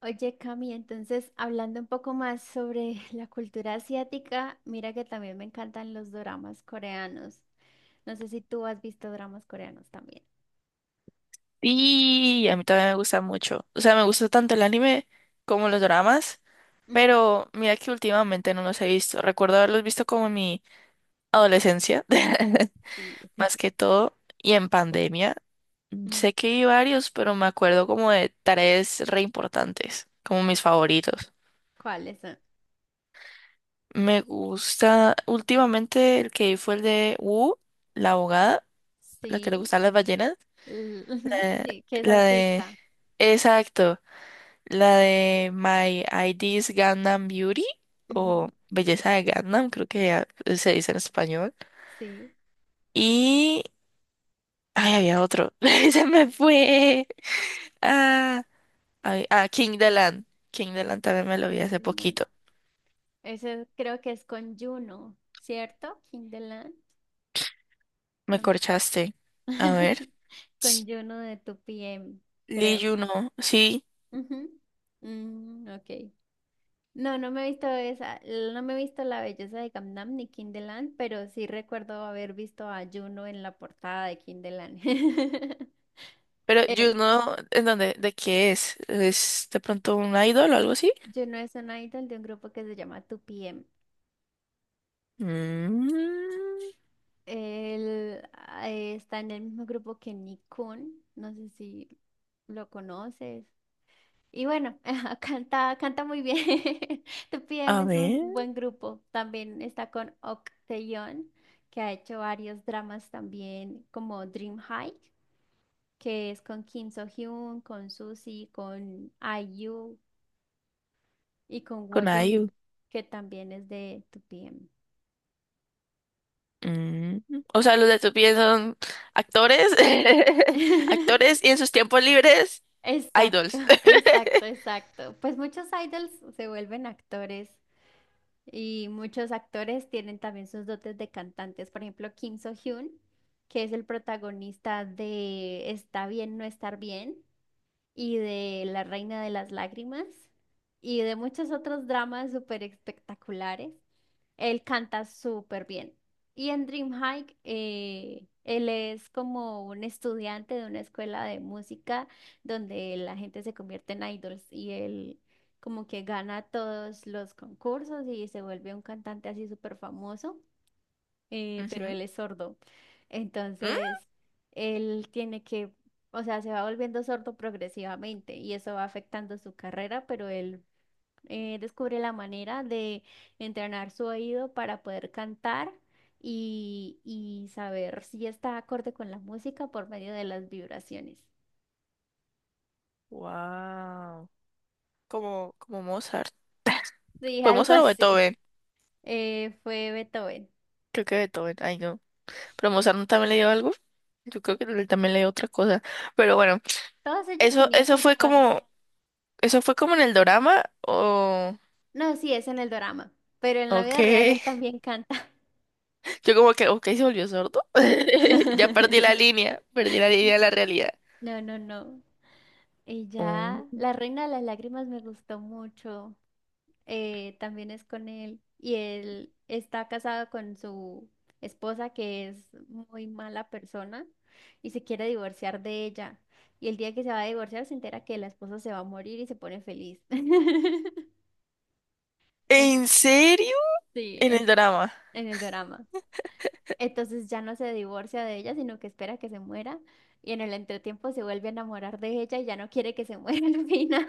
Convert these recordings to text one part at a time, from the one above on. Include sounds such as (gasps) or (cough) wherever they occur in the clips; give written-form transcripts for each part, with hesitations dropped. Oye, Cami, entonces hablando un poco más sobre (laughs) la cultura asiática, mira que también me encantan los doramas coreanos. No sé si tú has visto dramas coreanos también. Y a mí también me gusta mucho. O sea, me gusta tanto el anime como los dramas, Ujú. pero mira que últimamente no los he visto. Recuerdo haberlos visto como en mi adolescencia, (laughs) Sí. más (laughs) que todo, y en pandemia. Mm, Sé que vi varios, pero me acuerdo como de tareas re importantes, como mis favoritos. ¿cuáles son? Me gusta, últimamente el que vi fue el de Wu, la abogada, la que Sí, le gustan las ballenas, ujú, eh, sí, que es la de... autista. Exacto. La de My ID is Gangnam Beauty o Ujú. Belleza de Gangnam, creo que ya se dice en español. Sí, Y... Ay, había otro. (laughs) Se me fue. Ah, ay, ah, King the Land. King the Land también me lo vi Kim hace de Lan. poquito. Ese creo que es con Juno, ¿cierto? Kim de Lan. Me No. corchaste. A ver. (laughs) Con Juno de 2PM, Lee creo. Juno, sí. Ujú. Mm, ok. No, no me he visto esa, no me he visto La Belleza de Gangnam ni Kinderland, pero sí recuerdo haber visto a Juno en la portada de Kinderland. (laughs) Pero Juno, ¿en dónde? ¿De qué es? ¿Es de pronto un idol o algo así? Juno es un idol de un grupo que se llama 2PM. Mm, Él está en el mismo grupo que Nikon, no sé si lo conoces. Y bueno, (laughs) canta muy bien. (laughs) 2PM a es un ver, buen grupo. También está con Ok Taeyeon, que ha hecho varios dramas también, como Dream High, que es con Kim So-hyun, con Suzy, con IU y con con Woyung, IU. que también es de 2PM. Mm, o sea, los de tu pie son actores, (laughs) actores (laughs) y en sus tiempos libres, Exacto, idols. (laughs) (laughs) exacto, exacto. Pues muchos idols se vuelven actores y muchos actores tienen también sus dotes de cantantes. Por ejemplo, Kim So-hyun, que es el protagonista de Está bien, no estar bien, y de La Reina de las Lágrimas y de muchos otros dramas súper espectaculares. Él canta súper bien. Y en Dreamhike, él es como un estudiante de una escuela de música donde la gente se convierte en idols y él como que gana todos los concursos y se vuelve un cantante así súper famoso, pero Ujú. él es sordo. ¿Mm? Entonces, él tiene que, o sea, se va volviendo sordo progresivamente y eso va afectando su carrera, pero él descubre la manera de entrenar su oído para poder cantar y saber si está acorde con la música por medio de las vibraciones. Wow. Como, como Mozart. Sí, (laughs) ¿Fue algo Mozart o así. Beethoven? Fue Beethoven. Creo que Beethoven, ay no. Pero Mozart no también le dio algo. Yo creo que él también le dio otra cosa. Pero bueno, Todos ellos eso, tenían eso cosas fue raras. como, eso fue como en el dorama o. No, sí, es en el drama, pero en la Ok, vida real él también canta. yo como que, ok, se volvió sordo. (laughs) Ya (laughs) perdí la línea de la realidad. No, no, no. Y ya, Mm. La Reina de las Lágrimas me gustó mucho. También es con él. Y él está casado con su esposa, que es muy mala persona, y se quiere divorciar de ella. Y el día que se va a divorciar, se entera que la esposa se va a morir y se pone feliz. (laughs) En- ¿En serio? Sí, En en, el drama. en el drama. Entonces ya no se divorcia de ella, sino que espera que se muera. Y en el entretiempo se vuelve a enamorar de ella y ya no quiere que se (laughs) muera al final.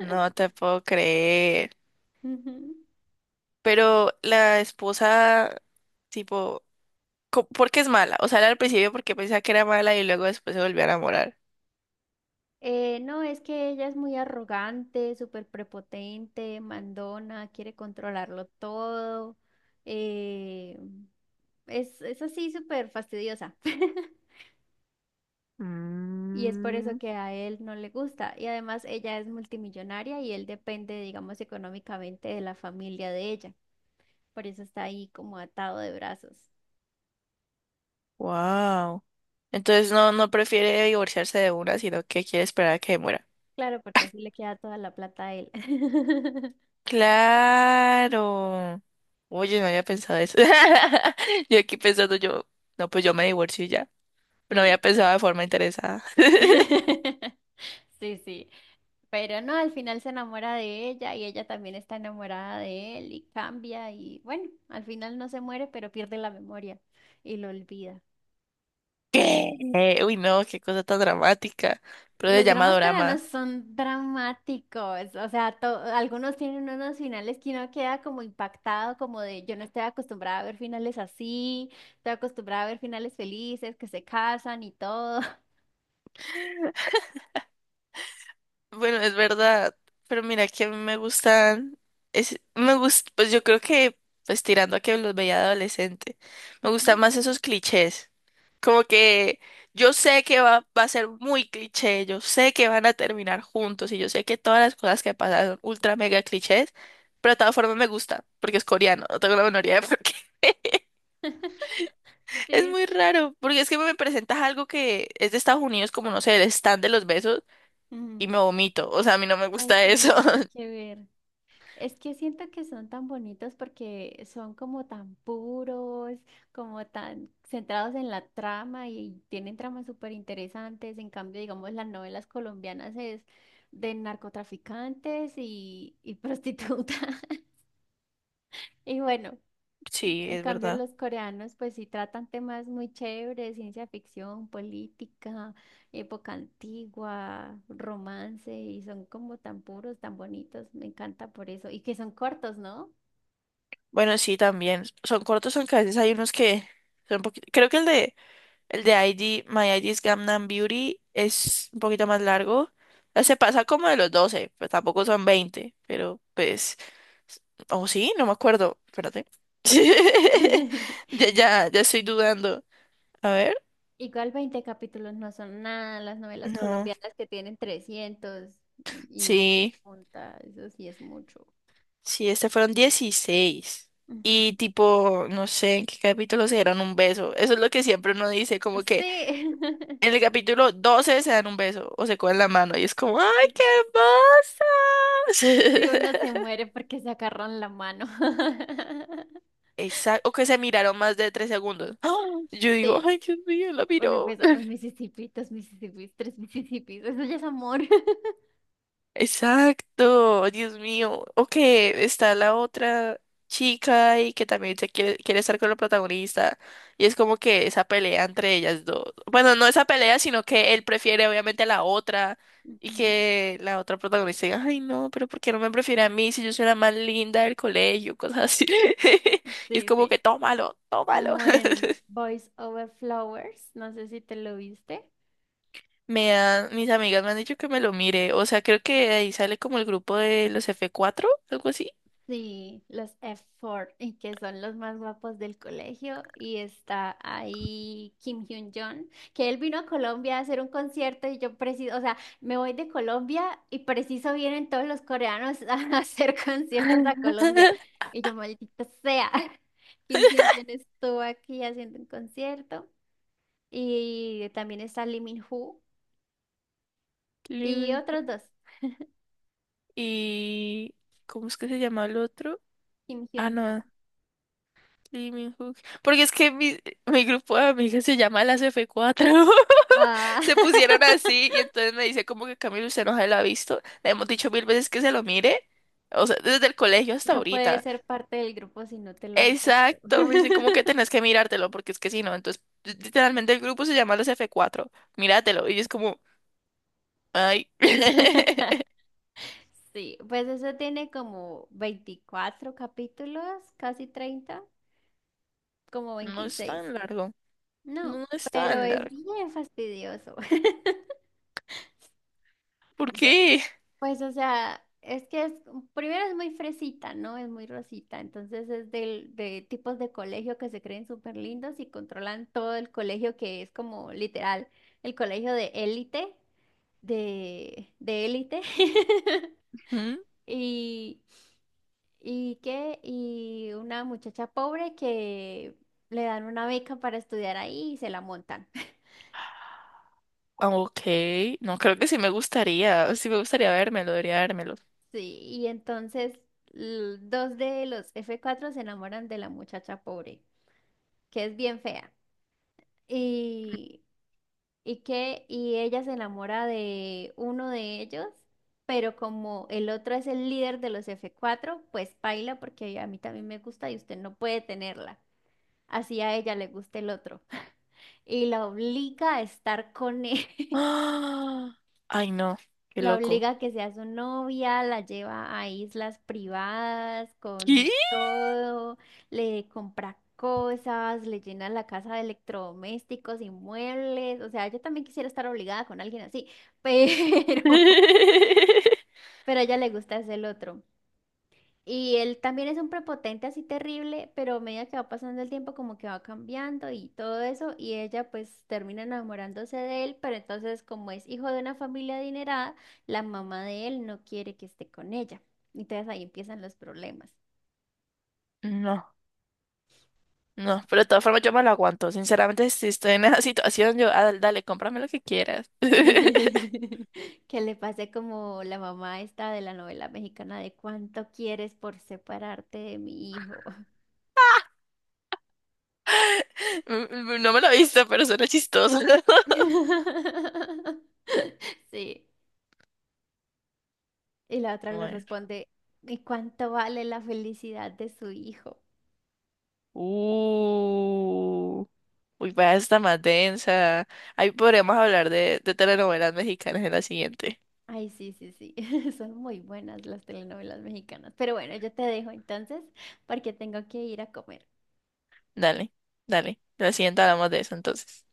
No te puedo creer. Ujú. Pero la esposa, tipo, ¿por qué es mala? O sea, era al principio porque pensaba que era mala y luego después se volvió a enamorar. No, es que ella es muy arrogante, súper prepotente, mandona, quiere controlarlo todo. eh, es así súper fastidiosa. (laughs) Y es por eso Mm, que a él no le gusta. Y además ella es multimillonaria y él depende, digamos, económicamente de la familia de ella. Por eso está ahí como atado de brazos. wow. Entonces no, no prefiere divorciarse de una, sino que quiere esperar a que muera. Claro, porque así le queda toda la plata a él. (laughs) Claro. Oye, no había pensado eso. (laughs) Yo aquí pensando yo, no, pues yo me divorcio y ya. No había Sí. pensado de forma interesada. (laughs) (laughs) Sí, sí. Pero no, al final se enamora de ella y ella también está enamorada de él y cambia y bueno, al final no se muere, pero pierde la memoria y lo olvida. ¿Qué? Uy, no, qué cosa tan dramática. Pero se Los llama dramas coreanos dorama. son dramáticos, o sea, algunos tienen unos finales que uno queda como impactado, como de yo no estoy acostumbrada a ver finales así, estoy acostumbrada a ver finales felices, que se casan y todo. (laughs) Bueno, es verdad, pero mira que a mí me gustan, es, pues yo creo que, pues tirando a que los veía de adolescente, me gustan Ujú. más esos clichés, como que yo sé que va a ser muy cliché, yo sé que van a terminar juntos y yo sé que todas las cosas que pasan son ultra mega clichés, pero de todas formas me gusta, porque es coreano, no tengo la menor idea de por qué. (laughs) (laughs) Es Sí. muy raro, porque es que me presentas algo que es de Estados Unidos, como no sé, el stand de los besos, y me Mm. vomito, o sea, a mí no me Ay, gusta sí, no, eso. nada que ver. Es que siento que son tan bonitos porque son como tan puros, como tan centrados en la trama y tienen tramas súper interesantes. En cambio, digamos, las novelas colombianas es de narcotraficantes y prostitutas. (laughs) Y bueno, Sí, en es cambio verdad. los coreanos pues sí tratan temas muy chéveres, ciencia ficción, política, época antigua, romance y son como tan puros, tan bonitos. Me encanta por eso. Y que son cortos, ¿no? Bueno, sí, también. Son cortos, aunque a veces hay unos que son un poquito. Creo que el de ID, My ID is Gangnam Beauty es un poquito más largo. Se pasa como de los 12 pues tampoco son 20 pero pues. O sí, no me acuerdo. Espérate. (laughs) (laughs) Ya estoy dudando. A ver. Igual 20 capítulos no son nada, las novelas No. colombianas que tienen 300 y Sí, punta, eso sí es mucho. sí, este fueron 16. Ujú. Y tipo, no sé en qué capítulo se dieron un beso. Eso es lo que siempre uno dice, como que Sí. en (laughs) el capítulo 12 se dan un beso o se cogen la mano y es como, ¡ay, Sí, qué hermosa! sí, uno se muere porque se agarran la mano. (laughs) (laughs) Exacto, o que se miraron más de 3 segundos. (gasps) ¡Ah! Yo digo, Sí, ¡ay, Dios mío, la uno miró! empieza, un Mississippi, dos Mississippis, tres Mississippis, eso ya es amor. Exacto, Dios mío. O que está la otra chica y que también se quiere estar con la protagonista. Y es como que esa pelea entre ellas dos. Bueno, no esa pelea, sino que él prefiere obviamente a la otra. (laughs) Y Ujú. que la otra protagonista diga, ay no, pero ¿por qué no me prefiere a mí si yo soy la más linda del colegio? Cosas así. (laughs) Y es Sí, como sí, que tómalo, tómalo. como el (laughs) Voice Over Flowers, no sé si te lo viste. Mis amigas me han dicho que me lo mire. O sea, creo que de ahí sale como el grupo de los F4, algo así. Sí, los F4, y que son los más guapos del colegio. Y está ahí Kim Hyun-jong, que él vino a Colombia a hacer un concierto y yo preciso, o sea, me voy de Colombia y preciso vienen todos los coreanos (laughs) a hacer conciertos a Colombia. (laughs) Y yo, maldita sea, (laughs) Kim Hyun-jong estuvo aquí haciendo un concierto. Y también está Lee Min-ho Lee y Min-ho. otros dos, Y ¿cómo es que se llama el otro? Kim Ah, Hyun-jong. no, Lee Min-ho. Porque es que mi grupo de amigas se llama las F4. Ah. (laughs) Se pusieron (laughs) así y entonces me dice como que Camilo usted no se lo ha visto. Le hemos dicho 1000 veces que se lo mire. O sea, desde el colegio hasta No puedes ahorita. ser parte del grupo si no te lo has visto. Exacto, me dicen como que (laughs) tenés que mirártelo porque es que si no, entonces literalmente el grupo se llama las F4. Míratelo. Y es como, ay, (laughs) Sí, pues eso tiene como 24 capítulos, casi 30, como no es 26. tan largo. No, No es pero tan es largo. bien fastidioso. (laughs) ¿Por Yo, qué? pues, o sea, primero es muy fresita, ¿no? Es muy rosita. Entonces es de tipos de colegio que se creen súper lindos y controlan todo el colegio, que es como literal, el colegio de élite, de élite. (laughs) ¿Mm? Y, y una muchacha pobre que le dan una beca para estudiar ahí y se la montan. (laughs) Ah, ok, no, creo que sí me gustaría vérmelo, debería vérmelo. Sí, y entonces dos de los F4 se enamoran de la muchacha pobre, que es bien fea. Y, y ella se enamora de uno de ellos, pero como el otro es el líder de los F4, pues baila porque a mí también me gusta y usted no puede tenerla. Así a ella le gusta el otro, y la obliga a estar con él. (laughs) ¡Ah! Ay, no, qué La loco. obliga a que sea su novia, la lleva a islas privadas con ¿Qué? todo, le compra cosas, le llena la casa de electrodomésticos y muebles. O sea, yo también quisiera estar obligada con alguien así, pero, (laughs) (laughs) pero a ella le gusta es el otro. Y él también es un prepotente así terrible, pero a medida que va pasando el tiempo como que va cambiando y todo eso, y ella pues termina enamorándose de él, pero entonces como es hijo de una familia adinerada, la mamá de él no quiere que esté con ella. Entonces ahí empiezan los problemas. No, no, pero de todas formas yo me lo aguanto. Sinceramente, si estoy en esa (laughs) situación, yo, ah, dale, cómprame lo que quieras. (laughs) (laughs) Que le pase como la mamá esta de la novela mexicana de ¿cuánto quieres por separarte de mi hijo? Mm, no me lo he visto, pero suena chistoso. (laughs) (laughs) Sí. Y la otra le Bueno. responde, ¿y cuánto vale la felicidad de su hijo? Uh, uy, vaya, está más densa. Ahí podríamos hablar de telenovelas mexicanas en la siguiente. Ay, sí, sí, sí, (laughs) son muy buenas las telenovelas mexicanas. Pero bueno, yo te dejo entonces porque tengo que ir a comer. Dale, dale. La siguiente hablamos de eso entonces.